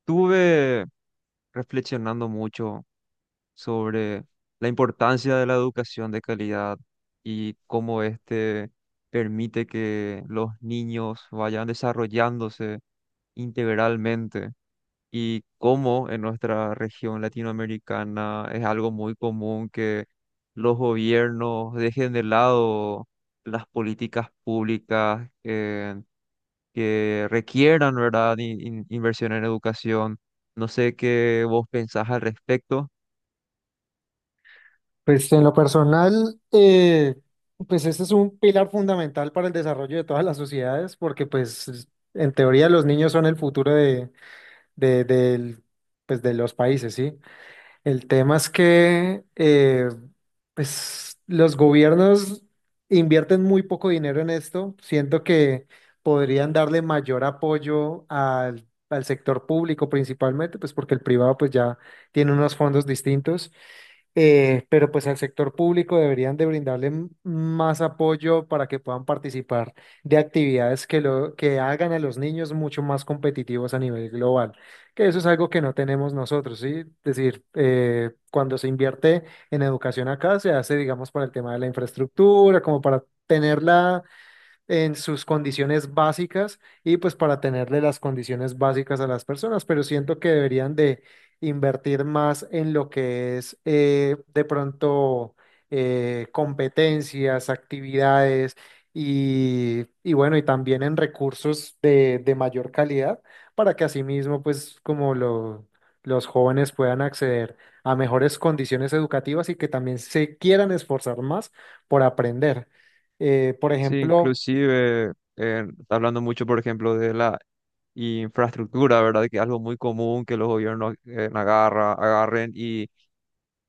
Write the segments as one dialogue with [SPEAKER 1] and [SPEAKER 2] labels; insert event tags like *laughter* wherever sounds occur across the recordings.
[SPEAKER 1] Estuve reflexionando mucho sobre la importancia de la educación de calidad y cómo este permite que los niños vayan desarrollándose integralmente y cómo en nuestra región latinoamericana es algo muy común que los gobiernos dejen de lado las políticas públicas, que requieran, ¿verdad? Inversión en educación. No sé qué vos pensás al respecto.
[SPEAKER 2] Pues en lo personal, pues este es un pilar fundamental para el desarrollo de todas las sociedades, porque pues en teoría los niños son el futuro de, del- pues, de los países, ¿sí? El tema es que pues los gobiernos invierten muy poco dinero en esto, siento que podrían darle mayor apoyo al sector público principalmente, pues porque el privado pues ya tiene unos fondos distintos, pero pues al sector público deberían de brindarle más apoyo para que puedan participar de actividades que hagan a los niños mucho más competitivos a nivel global, que eso es algo que no tenemos nosotros, ¿sí? Es decir, cuando se invierte en educación acá, se hace, digamos, para el tema de la infraestructura, como para tenerla en sus condiciones básicas y pues para tenerle las condiciones básicas a las personas, pero siento que deberían de invertir más en lo que es de pronto competencias, actividades y bueno, y también en recursos de mayor calidad para que asimismo pues los jóvenes puedan acceder a mejores condiciones educativas y que también se quieran esforzar más por aprender. Por
[SPEAKER 1] Sí,
[SPEAKER 2] ejemplo,
[SPEAKER 1] inclusive, hablando mucho, por ejemplo, de la infraestructura, ¿verdad? Que es algo muy común que los gobiernos agarren y,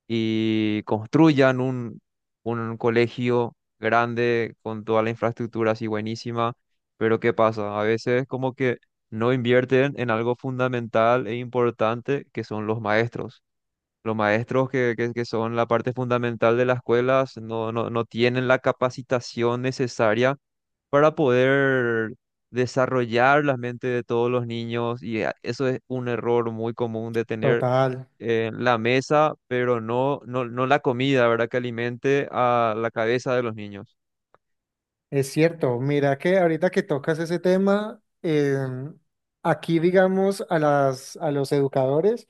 [SPEAKER 1] y construyan un colegio grande con toda la infraestructura así buenísima, pero ¿qué pasa? A veces como que no invierten en algo fundamental e importante que son los maestros. Los maestros que son la parte fundamental de las escuelas no, no, no tienen la capacitación necesaria para poder desarrollar la mente de todos los niños y eso es un error muy común de tener
[SPEAKER 2] total,
[SPEAKER 1] la mesa, pero no, no, no la comida, ¿verdad? Que alimente a la cabeza de los niños.
[SPEAKER 2] es cierto. Mira que ahorita que tocas ese tema, aquí digamos a a los educadores,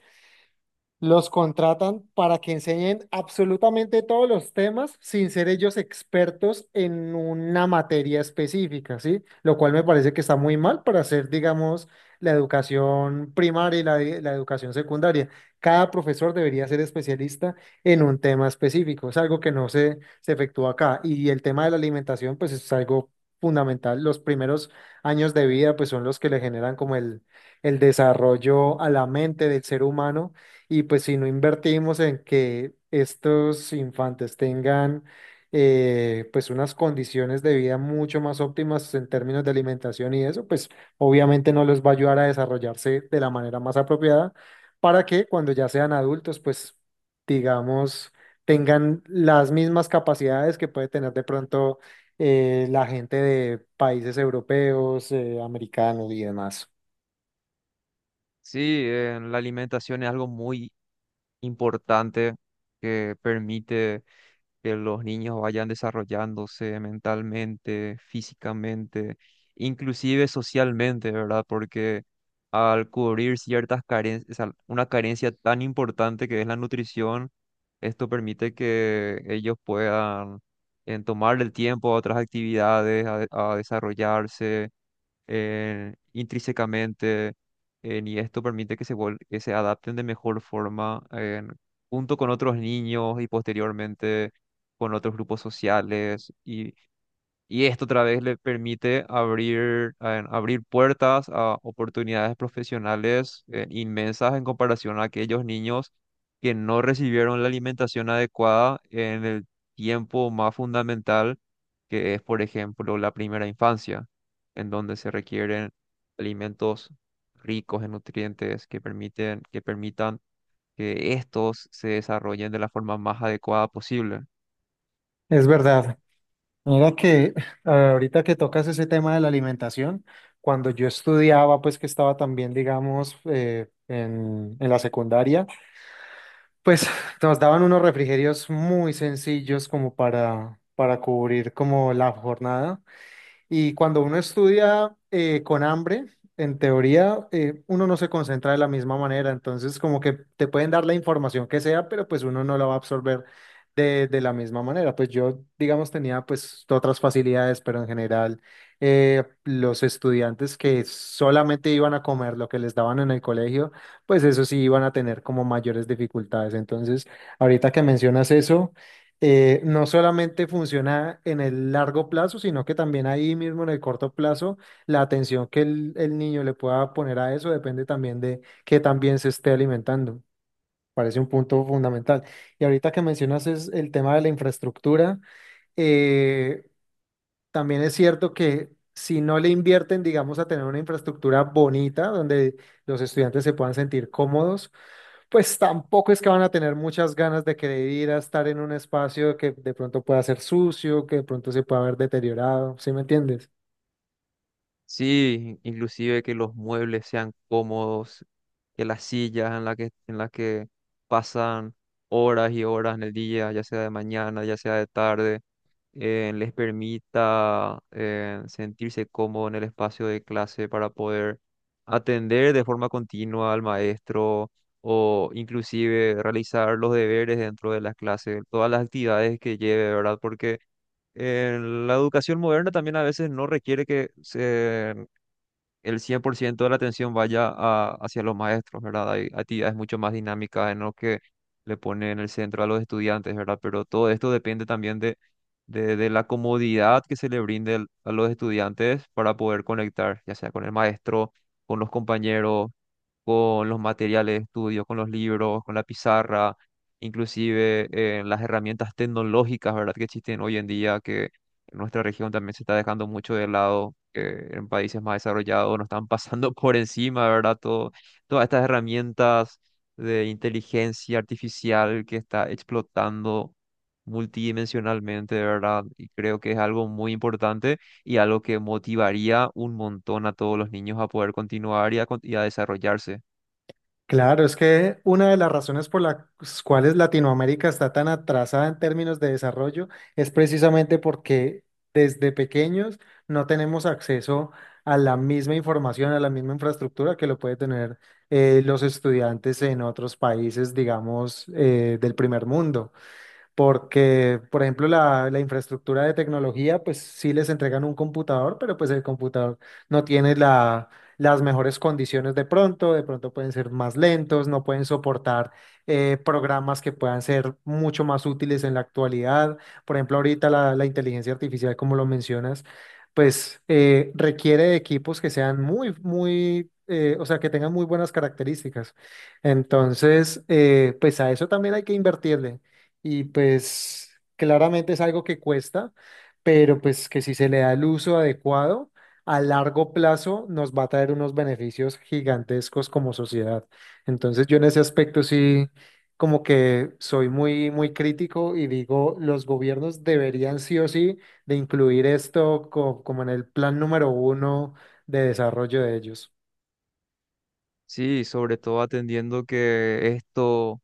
[SPEAKER 2] los contratan para que enseñen absolutamente todos los temas sin ser ellos expertos en una materia específica, ¿sí? Lo cual me parece que está muy mal para hacer, digamos, la educación primaria y la educación secundaria. Cada profesor debería ser especialista en un tema específico. Es algo que no se, se efectúa acá. Y el tema de la alimentación, pues es algo fundamental. Los primeros años de vida, pues son los que le generan como el desarrollo a la mente del ser humano, y pues si no invertimos en que estos infantes tengan, pues, unas condiciones de vida mucho más óptimas en términos de alimentación y eso, pues obviamente no les va a ayudar a desarrollarse de la manera más apropiada para que cuando ya sean adultos, pues digamos, tengan las mismas capacidades que puede tener de pronto la gente de países europeos, americanos y demás.
[SPEAKER 1] Sí, la alimentación es algo muy importante que permite que los niños vayan desarrollándose mentalmente, físicamente, inclusive socialmente, ¿verdad? Porque al cubrir ciertas carencias, una carencia tan importante que es la nutrición, esto permite que ellos puedan tomar el tiempo a otras actividades, a desarrollarse intrínsecamente y esto permite que que se adapten de mejor forma junto con otros niños y posteriormente con otros grupos sociales y esto otra vez le permite abrir puertas a oportunidades profesionales inmensas en comparación a aquellos niños que no recibieron la alimentación adecuada en el tiempo más fundamental, que es, por ejemplo, la primera infancia, en donde se requieren alimentos ricos en nutrientes que permitan que estos se desarrollen de la forma más adecuada posible.
[SPEAKER 2] Es verdad. Mira que ahorita que tocas ese tema de la alimentación, cuando yo estudiaba, pues que estaba también, digamos, en la secundaria, pues *laughs* nos daban unos refrigerios muy sencillos como para cubrir como la jornada. Y cuando uno estudia con hambre, en teoría, uno no se concentra de la misma manera. Entonces, como que te pueden dar la información que sea, pero pues uno no la va a absorber de la misma manera. Pues yo, digamos, tenía pues otras facilidades, pero en general, los estudiantes que solamente iban a comer lo que les daban en el colegio, pues eso sí iban a tener como mayores dificultades. Entonces, ahorita que mencionas eso, no solamente funciona en el largo plazo, sino que también ahí mismo en el corto plazo, la atención que el niño le pueda poner a eso depende también de que también se esté alimentando. Parece un punto fundamental. Y ahorita que mencionas es el tema de la infraestructura, eh, también es cierto que si no le invierten, digamos, a tener una infraestructura bonita donde los estudiantes se puedan sentir cómodos, pues tampoco es que van a tener muchas ganas de querer ir a estar en un espacio que de pronto pueda ser sucio, que de pronto se pueda ver deteriorado, ¿sí me entiendes?
[SPEAKER 1] Sí, inclusive que los muebles sean cómodos, que las sillas en las que pasan horas y horas en el día, ya sea de mañana, ya sea de tarde, les permita sentirse cómodo en el espacio de clase para poder atender de forma continua al maestro o inclusive realizar los deberes dentro de las clases, todas las actividades que lleve, ¿verdad? Porque la educación moderna también a veces no requiere que se el 100% de la atención vaya hacia los maestros, ¿verdad? Hay actividades mucho más dinámicas en lo que le pone en el centro a los estudiantes, ¿verdad? Pero todo esto depende también de la comodidad que se le brinde a los estudiantes para poder conectar, ya sea con el maestro, con los compañeros, con los materiales de estudio, con los libros, con la pizarra, inclusive las herramientas tecnológicas, ¿verdad? Que existen hoy en día, en nuestra región también se está dejando mucho de lado, que en países más desarrollados nos están pasando *laughs* por encima, ¿verdad? Todas estas herramientas de inteligencia artificial que está explotando multidimensionalmente, ¿verdad? Y creo que es algo muy importante y algo que motivaría un montón a todos los niños a poder continuar y a desarrollarse.
[SPEAKER 2] Claro, es que una de las razones por las cuales Latinoamérica está tan atrasada en términos de desarrollo es precisamente porque desde pequeños no tenemos acceso a la misma información, a la misma infraestructura que lo puede tener, los estudiantes en otros países, digamos, del primer mundo, porque, por ejemplo, la infraestructura de tecnología, pues sí les entregan un computador, pero pues el computador no tiene las mejores condiciones de pronto pueden ser más lentos, no pueden soportar programas que puedan ser mucho más útiles en la actualidad. Por ejemplo, ahorita la inteligencia artificial, como lo mencionas, pues requiere de equipos que sean muy, muy... o sea, que tengan muy buenas características. Entonces, pues a eso también hay que invertirle, y pues claramente es algo que cuesta, pero pues que si se le da el uso adecuado, a largo plazo nos va a traer unos beneficios gigantescos como sociedad. Entonces yo en ese aspecto sí como que soy muy muy crítico y digo, los gobiernos deberían sí o sí de incluir esto como en el plan número 1 de desarrollo de ellos.
[SPEAKER 1] Sí, sobre todo atendiendo que esto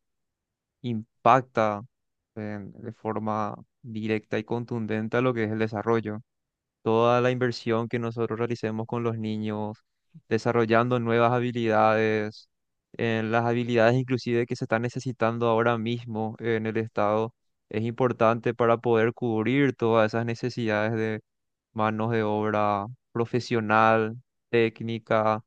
[SPEAKER 1] impacta de forma directa y contundente a lo que es el desarrollo. Toda la inversión que nosotros realicemos con los niños, desarrollando nuevas habilidades, en las habilidades inclusive que se están necesitando ahora mismo en el Estado, es importante para poder cubrir todas esas necesidades de manos de obra profesional, técnica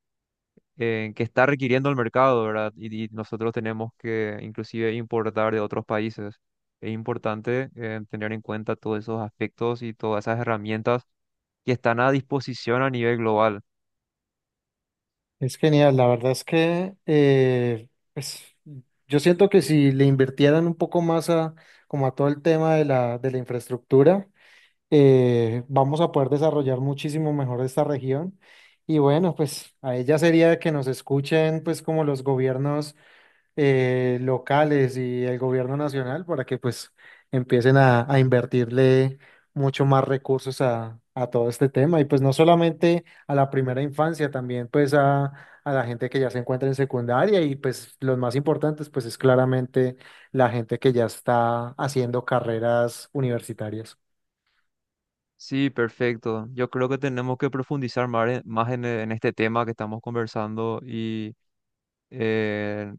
[SPEAKER 1] que está requiriendo el mercado, ¿verdad? Y nosotros tenemos que inclusive importar de otros países. Es importante tener en cuenta todos esos aspectos y todas esas herramientas que están a disposición a nivel global.
[SPEAKER 2] Es genial, la verdad es que pues, yo siento que si le invirtieran un poco más a, como a todo el tema de de la infraestructura, vamos a poder desarrollar muchísimo mejor esta región. Y bueno, pues a ella sería que nos escuchen pues como los gobiernos locales y el gobierno nacional para que pues empiecen a invertirle mucho más recursos a todo este tema, y pues no solamente a la primera infancia, también pues a la gente que ya se encuentra en secundaria y pues los más importantes pues es claramente la gente que ya está haciendo carreras universitarias.
[SPEAKER 1] Sí, perfecto. Yo creo que tenemos que profundizar en este tema que estamos conversando y eh,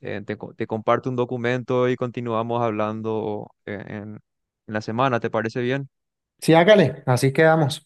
[SPEAKER 1] te comparto un documento y continuamos hablando en la semana. ¿Te parece bien?
[SPEAKER 2] Sí, hágale, así quedamos.